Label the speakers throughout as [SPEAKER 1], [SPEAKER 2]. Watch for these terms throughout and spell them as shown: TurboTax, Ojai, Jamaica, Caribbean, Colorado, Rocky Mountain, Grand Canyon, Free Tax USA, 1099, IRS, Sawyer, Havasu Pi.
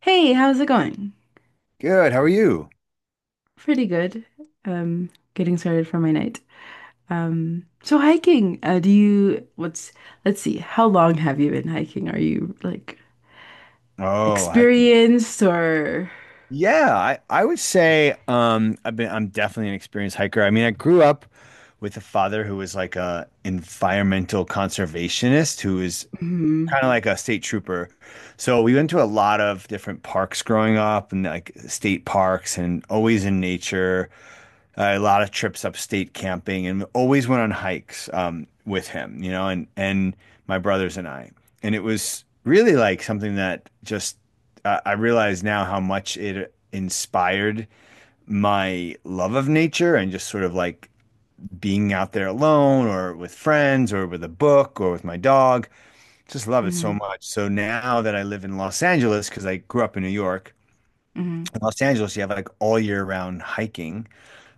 [SPEAKER 1] Hey, how's it going?
[SPEAKER 2] Good. How are you?
[SPEAKER 1] Pretty good. Um, Getting started for my night. So hiking, do you, what's, let's see, how long have you been hiking? Are you like
[SPEAKER 2] Oh, hiking.
[SPEAKER 1] experienced or?
[SPEAKER 2] Yeah, I would say I'm definitely an experienced hiker. I mean, I grew up with a father who was like a environmental conservationist who was
[SPEAKER 1] Hmm
[SPEAKER 2] kind of like a state trooper. So we went to a lot of different parks growing up and like state parks and always in nature. A lot of trips upstate camping and always went on hikes with him, and my brothers and I. And it was really like something that just I realize now how much it inspired my love of nature and just sort of like being out there alone or with friends or with a book or with my dog. Just love it so
[SPEAKER 1] hmm
[SPEAKER 2] much. So now that I live in Los Angeles, because I grew up in New York,
[SPEAKER 1] hmm
[SPEAKER 2] in Los Angeles, you have like all year round hiking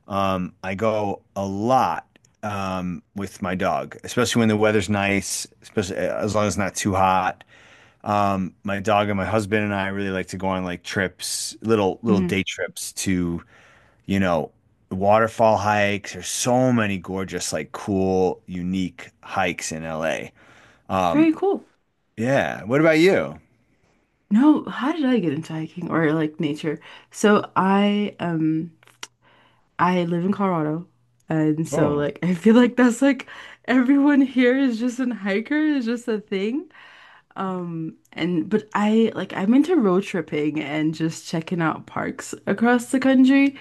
[SPEAKER 2] um, I go a lot with my dog, especially when the weather's nice, especially as long as it's not too hot. My dog and my husband and I really like to go on like trips, little
[SPEAKER 1] hmm
[SPEAKER 2] day trips to, you know, waterfall hikes. There's so many gorgeous, like cool, unique hikes in LA. Um,
[SPEAKER 1] Very cool.
[SPEAKER 2] yeah. What about you?
[SPEAKER 1] No, how did I get into hiking or like nature? So I, um, I live in Colorado, and so
[SPEAKER 2] Oh,
[SPEAKER 1] like I feel like that's like everyone here is just an hiker. It's just a thing. And but I like I'm into road tripping and just checking out parks across the country.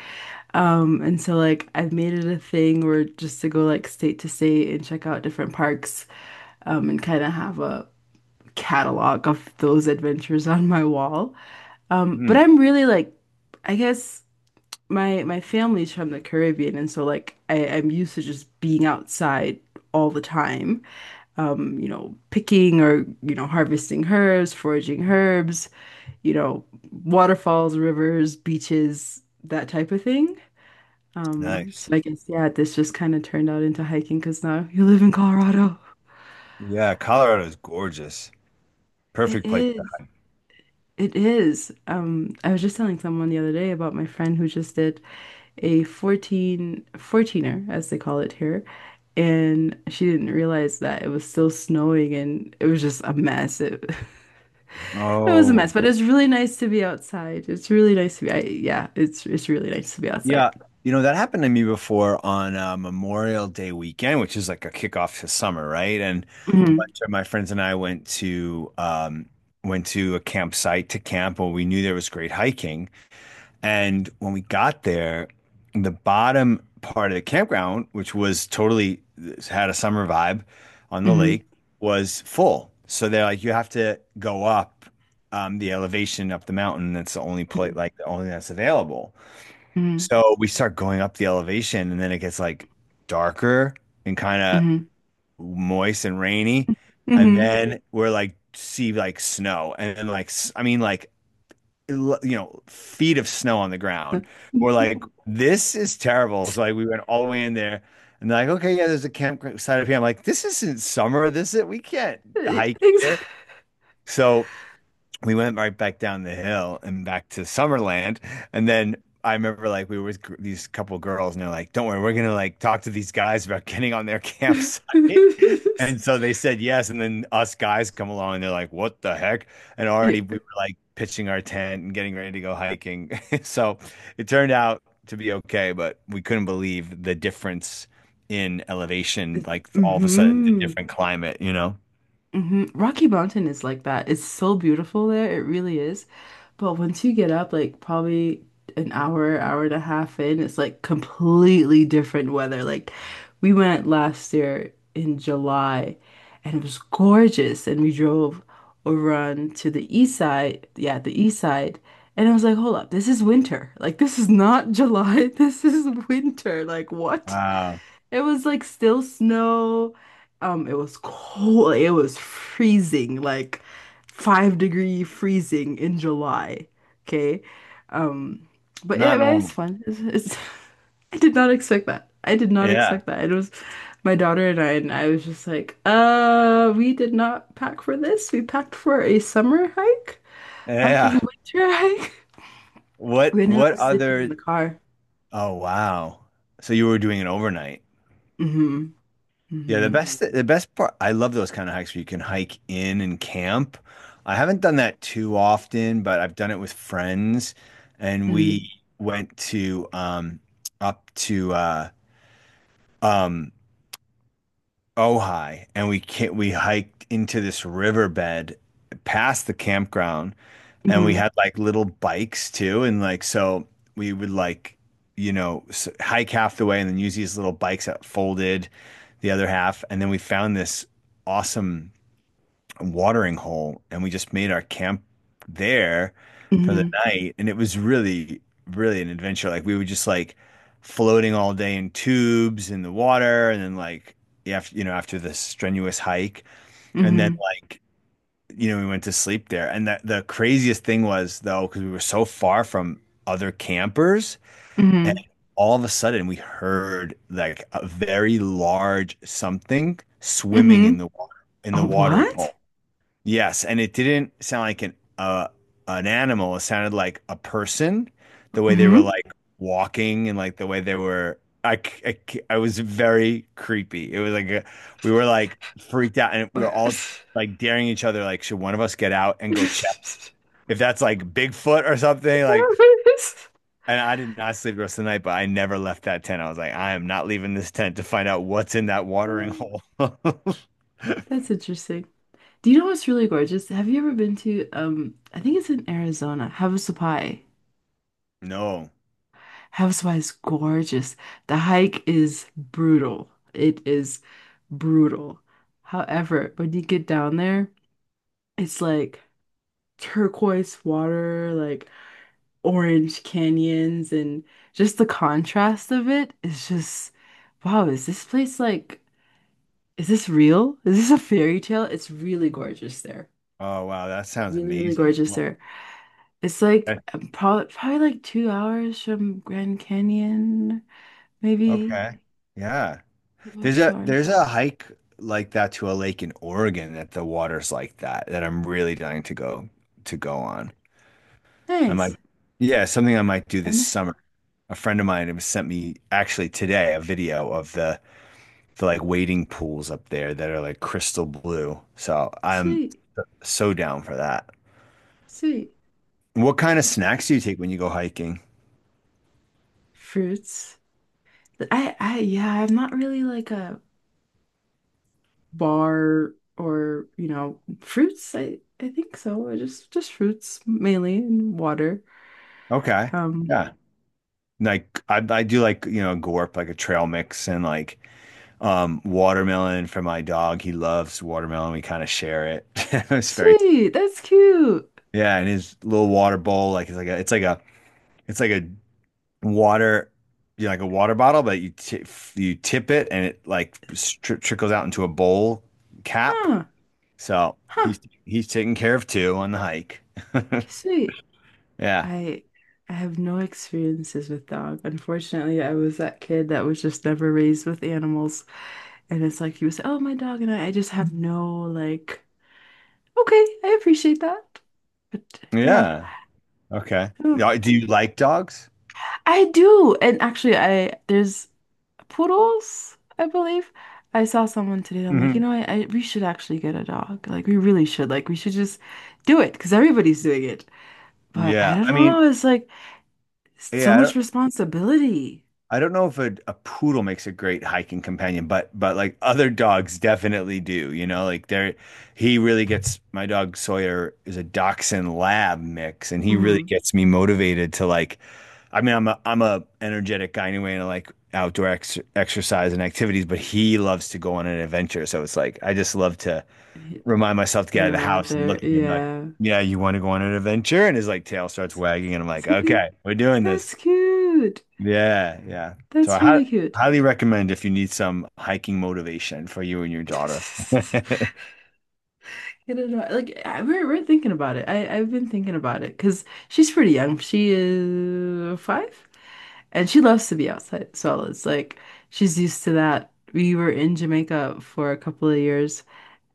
[SPEAKER 1] And so like I've made it a thing where just to go like state to state and check out different parks, and kind of have a catalog of those adventures on my wall. But
[SPEAKER 2] mm,
[SPEAKER 1] I'm really like I guess My family's from the Caribbean, and so like I'm used to just being outside all the time, picking or, you know, harvesting herbs, foraging herbs, you know, waterfalls, rivers, beaches, that type of thing.
[SPEAKER 2] nice.
[SPEAKER 1] Yeah, this just kind of turned out into hiking because now you live in Colorado.
[SPEAKER 2] Yeah, Colorado is gorgeous.
[SPEAKER 1] It
[SPEAKER 2] Perfect place.
[SPEAKER 1] is. It is. I was just telling someone the other day about my friend who just did a 14, fourteener, as they call it here. And she didn't realize that it was still snowing, and it was just a mess. It was a
[SPEAKER 2] Oh,
[SPEAKER 1] mess, but it's really nice to be outside. It's really nice to yeah, it's really nice to be outside.
[SPEAKER 2] yeah, you know, that happened to me before on Memorial Day weekend, which is like a kickoff to summer, right? And a
[SPEAKER 1] Hmm
[SPEAKER 2] bunch of my friends and I went to went to a campsite to camp where we knew there was great hiking. And when we got there, the bottom part of the campground, which was totally had a summer vibe on the
[SPEAKER 1] hmm
[SPEAKER 2] lake, was full. So they're like, you have to go up the elevation up the mountain. That's the only place, like the only that's available.
[SPEAKER 1] hmm
[SPEAKER 2] So we start going up the elevation, and then it gets like darker and kind of
[SPEAKER 1] hmm
[SPEAKER 2] moist and rainy.
[SPEAKER 1] hmm
[SPEAKER 2] And
[SPEAKER 1] hmm
[SPEAKER 2] then we're like, see like snow, and then like, I mean, like, you know, feet of snow on the ground. We're like, this is terrible. So like, we went all the way in there, and they're like, okay, yeah, there's a campsite up here. I'm like, this isn't summer. This is, we can't hike here. So we went right back down the hill and back to Summerland. And then I remember like we were with these couple girls and they're like, don't worry, we're gonna like talk to these guys about getting on their campsite. And so they said yes. And then us guys come along and they're like, what the heck? And already
[SPEAKER 1] Yeah.
[SPEAKER 2] we were like pitching our tent and getting ready to go hiking. So it turned out to be okay, but we couldn't believe the difference in elevation, like all of a sudden, a
[SPEAKER 1] hmm
[SPEAKER 2] different climate, you know?
[SPEAKER 1] hmm Rocky Mountain is like that. It's so beautiful there. It really is. But once you get up, like probably an hour, hour and a half in, it's like completely different weather. Like we went last year in July and it was gorgeous. And we drove over on to the east side. Yeah, the east side. And I was like, hold up, this is winter. Like this is not July. This is winter. Like what?
[SPEAKER 2] Wow.
[SPEAKER 1] It was like still snow. It was cold. It was freezing, like 5 degree freezing in July. Okay. Um, but yeah,
[SPEAKER 2] Not
[SPEAKER 1] but it's
[SPEAKER 2] normal.
[SPEAKER 1] fun. It's I did not expect that. I did not
[SPEAKER 2] Yeah.
[SPEAKER 1] expect that. It was my daughter and I was just like, we did not pack for this. We packed for a summer hike, not a
[SPEAKER 2] Yeah.
[SPEAKER 1] winter hike.
[SPEAKER 2] What
[SPEAKER 1] We ended up sleeping in
[SPEAKER 2] other
[SPEAKER 1] the car.
[SPEAKER 2] oh wow. So you were doing it overnight.
[SPEAKER 1] Mm-hmm.
[SPEAKER 2] Yeah,
[SPEAKER 1] Mm-hmm.
[SPEAKER 2] the best part, I love those kind of hikes where you can hike in and camp. I haven't done that too often, but I've done it with friends and
[SPEAKER 1] Mm-hmm.
[SPEAKER 2] we went to up to um Ojai and we hiked into this riverbed past the campground. And we
[SPEAKER 1] Mm-hmm.
[SPEAKER 2] had like little bikes too. And like, so we would like, you know, hike half the way and then use these little bikes that folded the other half. And then we found this awesome watering hole and we just made our camp there for the
[SPEAKER 1] Mm-hmm.
[SPEAKER 2] night. And it was really, really an adventure. Like, we were just like floating all day in tubes in the water. And then, like, after, you know, after this strenuous hike. And then,
[SPEAKER 1] Mm-hmm.
[SPEAKER 2] like, you know, we went to sleep there. And the craziest thing was though, because we were so far from other campers, and
[SPEAKER 1] hmm
[SPEAKER 2] all of a sudden we heard like a very large something swimming in the
[SPEAKER 1] hmm
[SPEAKER 2] water in the
[SPEAKER 1] Oh,
[SPEAKER 2] watering
[SPEAKER 1] what?
[SPEAKER 2] hole. Yes, and it didn't sound like an animal. It sounded like a person, the way they were
[SPEAKER 1] Hmm
[SPEAKER 2] like walking and like the way they were. I was very creepy. It was like a, we were like freaked out, and we were all like daring each other. Like, should one of us get out and go check if that's like Bigfoot or something? Like, and I did not sleep the rest of the night, but I never left that tent. I was like, I am not leaving this tent to find out what's in that watering
[SPEAKER 1] Um,
[SPEAKER 2] hole.
[SPEAKER 1] That's interesting. Do you know what's really gorgeous? Have you ever been to I think it's in Arizona, Havasu Pi?
[SPEAKER 2] No.
[SPEAKER 1] Havasu Pi is gorgeous. The hike is brutal. It is brutal. However, when you get down there, it's like turquoise water, like orange canyons, and just the contrast of it is just wow, is this place like is this real? Is this a fairy tale? It's really gorgeous there.
[SPEAKER 2] Oh wow, that sounds
[SPEAKER 1] Really, really
[SPEAKER 2] amazing.
[SPEAKER 1] gorgeous
[SPEAKER 2] What?
[SPEAKER 1] there. It's like probably like 2 hours from Grand Canyon, maybe
[SPEAKER 2] Okay. Yeah.
[SPEAKER 1] about two hours.
[SPEAKER 2] There's a hike like that to a lake in Oregon that the water's like that, that I'm really dying to go on. I might,
[SPEAKER 1] Nice.
[SPEAKER 2] yeah, something I might do
[SPEAKER 1] I'm
[SPEAKER 2] this
[SPEAKER 1] there.
[SPEAKER 2] summer. A friend of mine has sent me actually today a video of the like wading pools up there that are like crystal blue. So I'm
[SPEAKER 1] Sweet,
[SPEAKER 2] so down for that.
[SPEAKER 1] sweet.
[SPEAKER 2] What kind of snacks do you take when you go hiking?
[SPEAKER 1] Fruits. Yeah, I'm not really like a bar or, you know, fruits. I think so. Just fruits mainly and water.
[SPEAKER 2] Okay.
[SPEAKER 1] Um,
[SPEAKER 2] Yeah. Like I do like, you know, a gorp, like a trail mix and like watermelon for my dog. He loves watermelon. We kind of share it. It's very
[SPEAKER 1] sweet. That's cute.
[SPEAKER 2] yeah, and his little water bowl, like it's like a water, you know, like a water bottle, but you ti you tip it and it like stri trickles out into a bowl cap.
[SPEAKER 1] Huh.
[SPEAKER 2] So
[SPEAKER 1] Huh.
[SPEAKER 2] he's taken care of too on the hike.
[SPEAKER 1] Sweet.
[SPEAKER 2] Yeah,
[SPEAKER 1] I I have no experiences with dog. Unfortunately, I was that kid that was just never raised with animals. And it's like you say, oh, my dog and I just have no like, okay, I appreciate that. But yeah.
[SPEAKER 2] yeah, okay.
[SPEAKER 1] I don't know.
[SPEAKER 2] Yeah, do you like dogs?
[SPEAKER 1] I do. And actually I there's poodles, I believe. I saw someone today. I'm like, you
[SPEAKER 2] Hmm.
[SPEAKER 1] know, I we should actually get a dog. Like, we really should. Like, we should just do it because everybody's doing it. But I
[SPEAKER 2] Yeah,
[SPEAKER 1] don't
[SPEAKER 2] I
[SPEAKER 1] know.
[SPEAKER 2] mean,
[SPEAKER 1] It's like so
[SPEAKER 2] yeah.
[SPEAKER 1] much responsibility.
[SPEAKER 2] I don't know if a, a poodle makes a great hiking companion, but like other dogs definitely do. You know, like they're, he really gets, my dog Sawyer is a dachshund lab mix, and he really
[SPEAKER 1] Mm.
[SPEAKER 2] gets me motivated to like. I mean, I'm a energetic guy anyway, and I like outdoor ex exercise and activities, but he loves to go on an adventure. So it's like I just love to
[SPEAKER 1] Get
[SPEAKER 2] remind myself to get out of the
[SPEAKER 1] him out
[SPEAKER 2] house and
[SPEAKER 1] there.
[SPEAKER 2] look at him like,
[SPEAKER 1] Yeah.
[SPEAKER 2] yeah, you want to go on an adventure? And his like tail starts
[SPEAKER 1] He's like,
[SPEAKER 2] wagging, and I'm like,
[SPEAKER 1] he's like,
[SPEAKER 2] okay, we're doing this.
[SPEAKER 1] that's cute.
[SPEAKER 2] Yeah, yeah. So I
[SPEAKER 1] That's really cute.
[SPEAKER 2] highly recommend if you need some hiking motivation for you and your daughter.
[SPEAKER 1] I don't Like I, we're thinking about it. I've been thinking about it because she's pretty young. She is 5, and she loves to be outside. So it's like she's used to that. We were in Jamaica for a couple of years,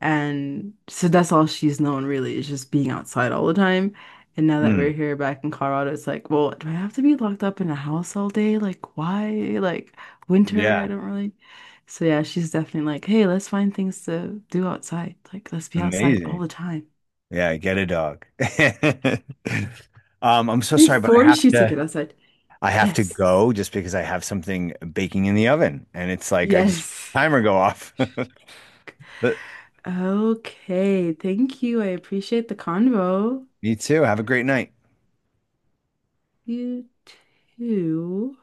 [SPEAKER 1] and so that's all she's known really is just being outside all the time. And now that
[SPEAKER 2] Mm,
[SPEAKER 1] we're here back in Colorado, it's like, well, do I have to be locked up in a house all day? Like, why? Like winter? I
[SPEAKER 2] yeah,
[SPEAKER 1] don't really. So yeah, she's definitely like, hey, let's find things to do outside. Like, let's be outside all
[SPEAKER 2] amazing.
[SPEAKER 1] the time.
[SPEAKER 2] Yeah, get a dog. I'm so
[SPEAKER 1] They
[SPEAKER 2] sorry, but
[SPEAKER 1] force you to get outside.
[SPEAKER 2] I have to
[SPEAKER 1] Yes.
[SPEAKER 2] go just because I have something baking in the oven and it's like I just
[SPEAKER 1] Yes.
[SPEAKER 2] timer go off. But
[SPEAKER 1] Okay. Thank you. I appreciate the convo.
[SPEAKER 2] me too. Have a great night.
[SPEAKER 1] You too.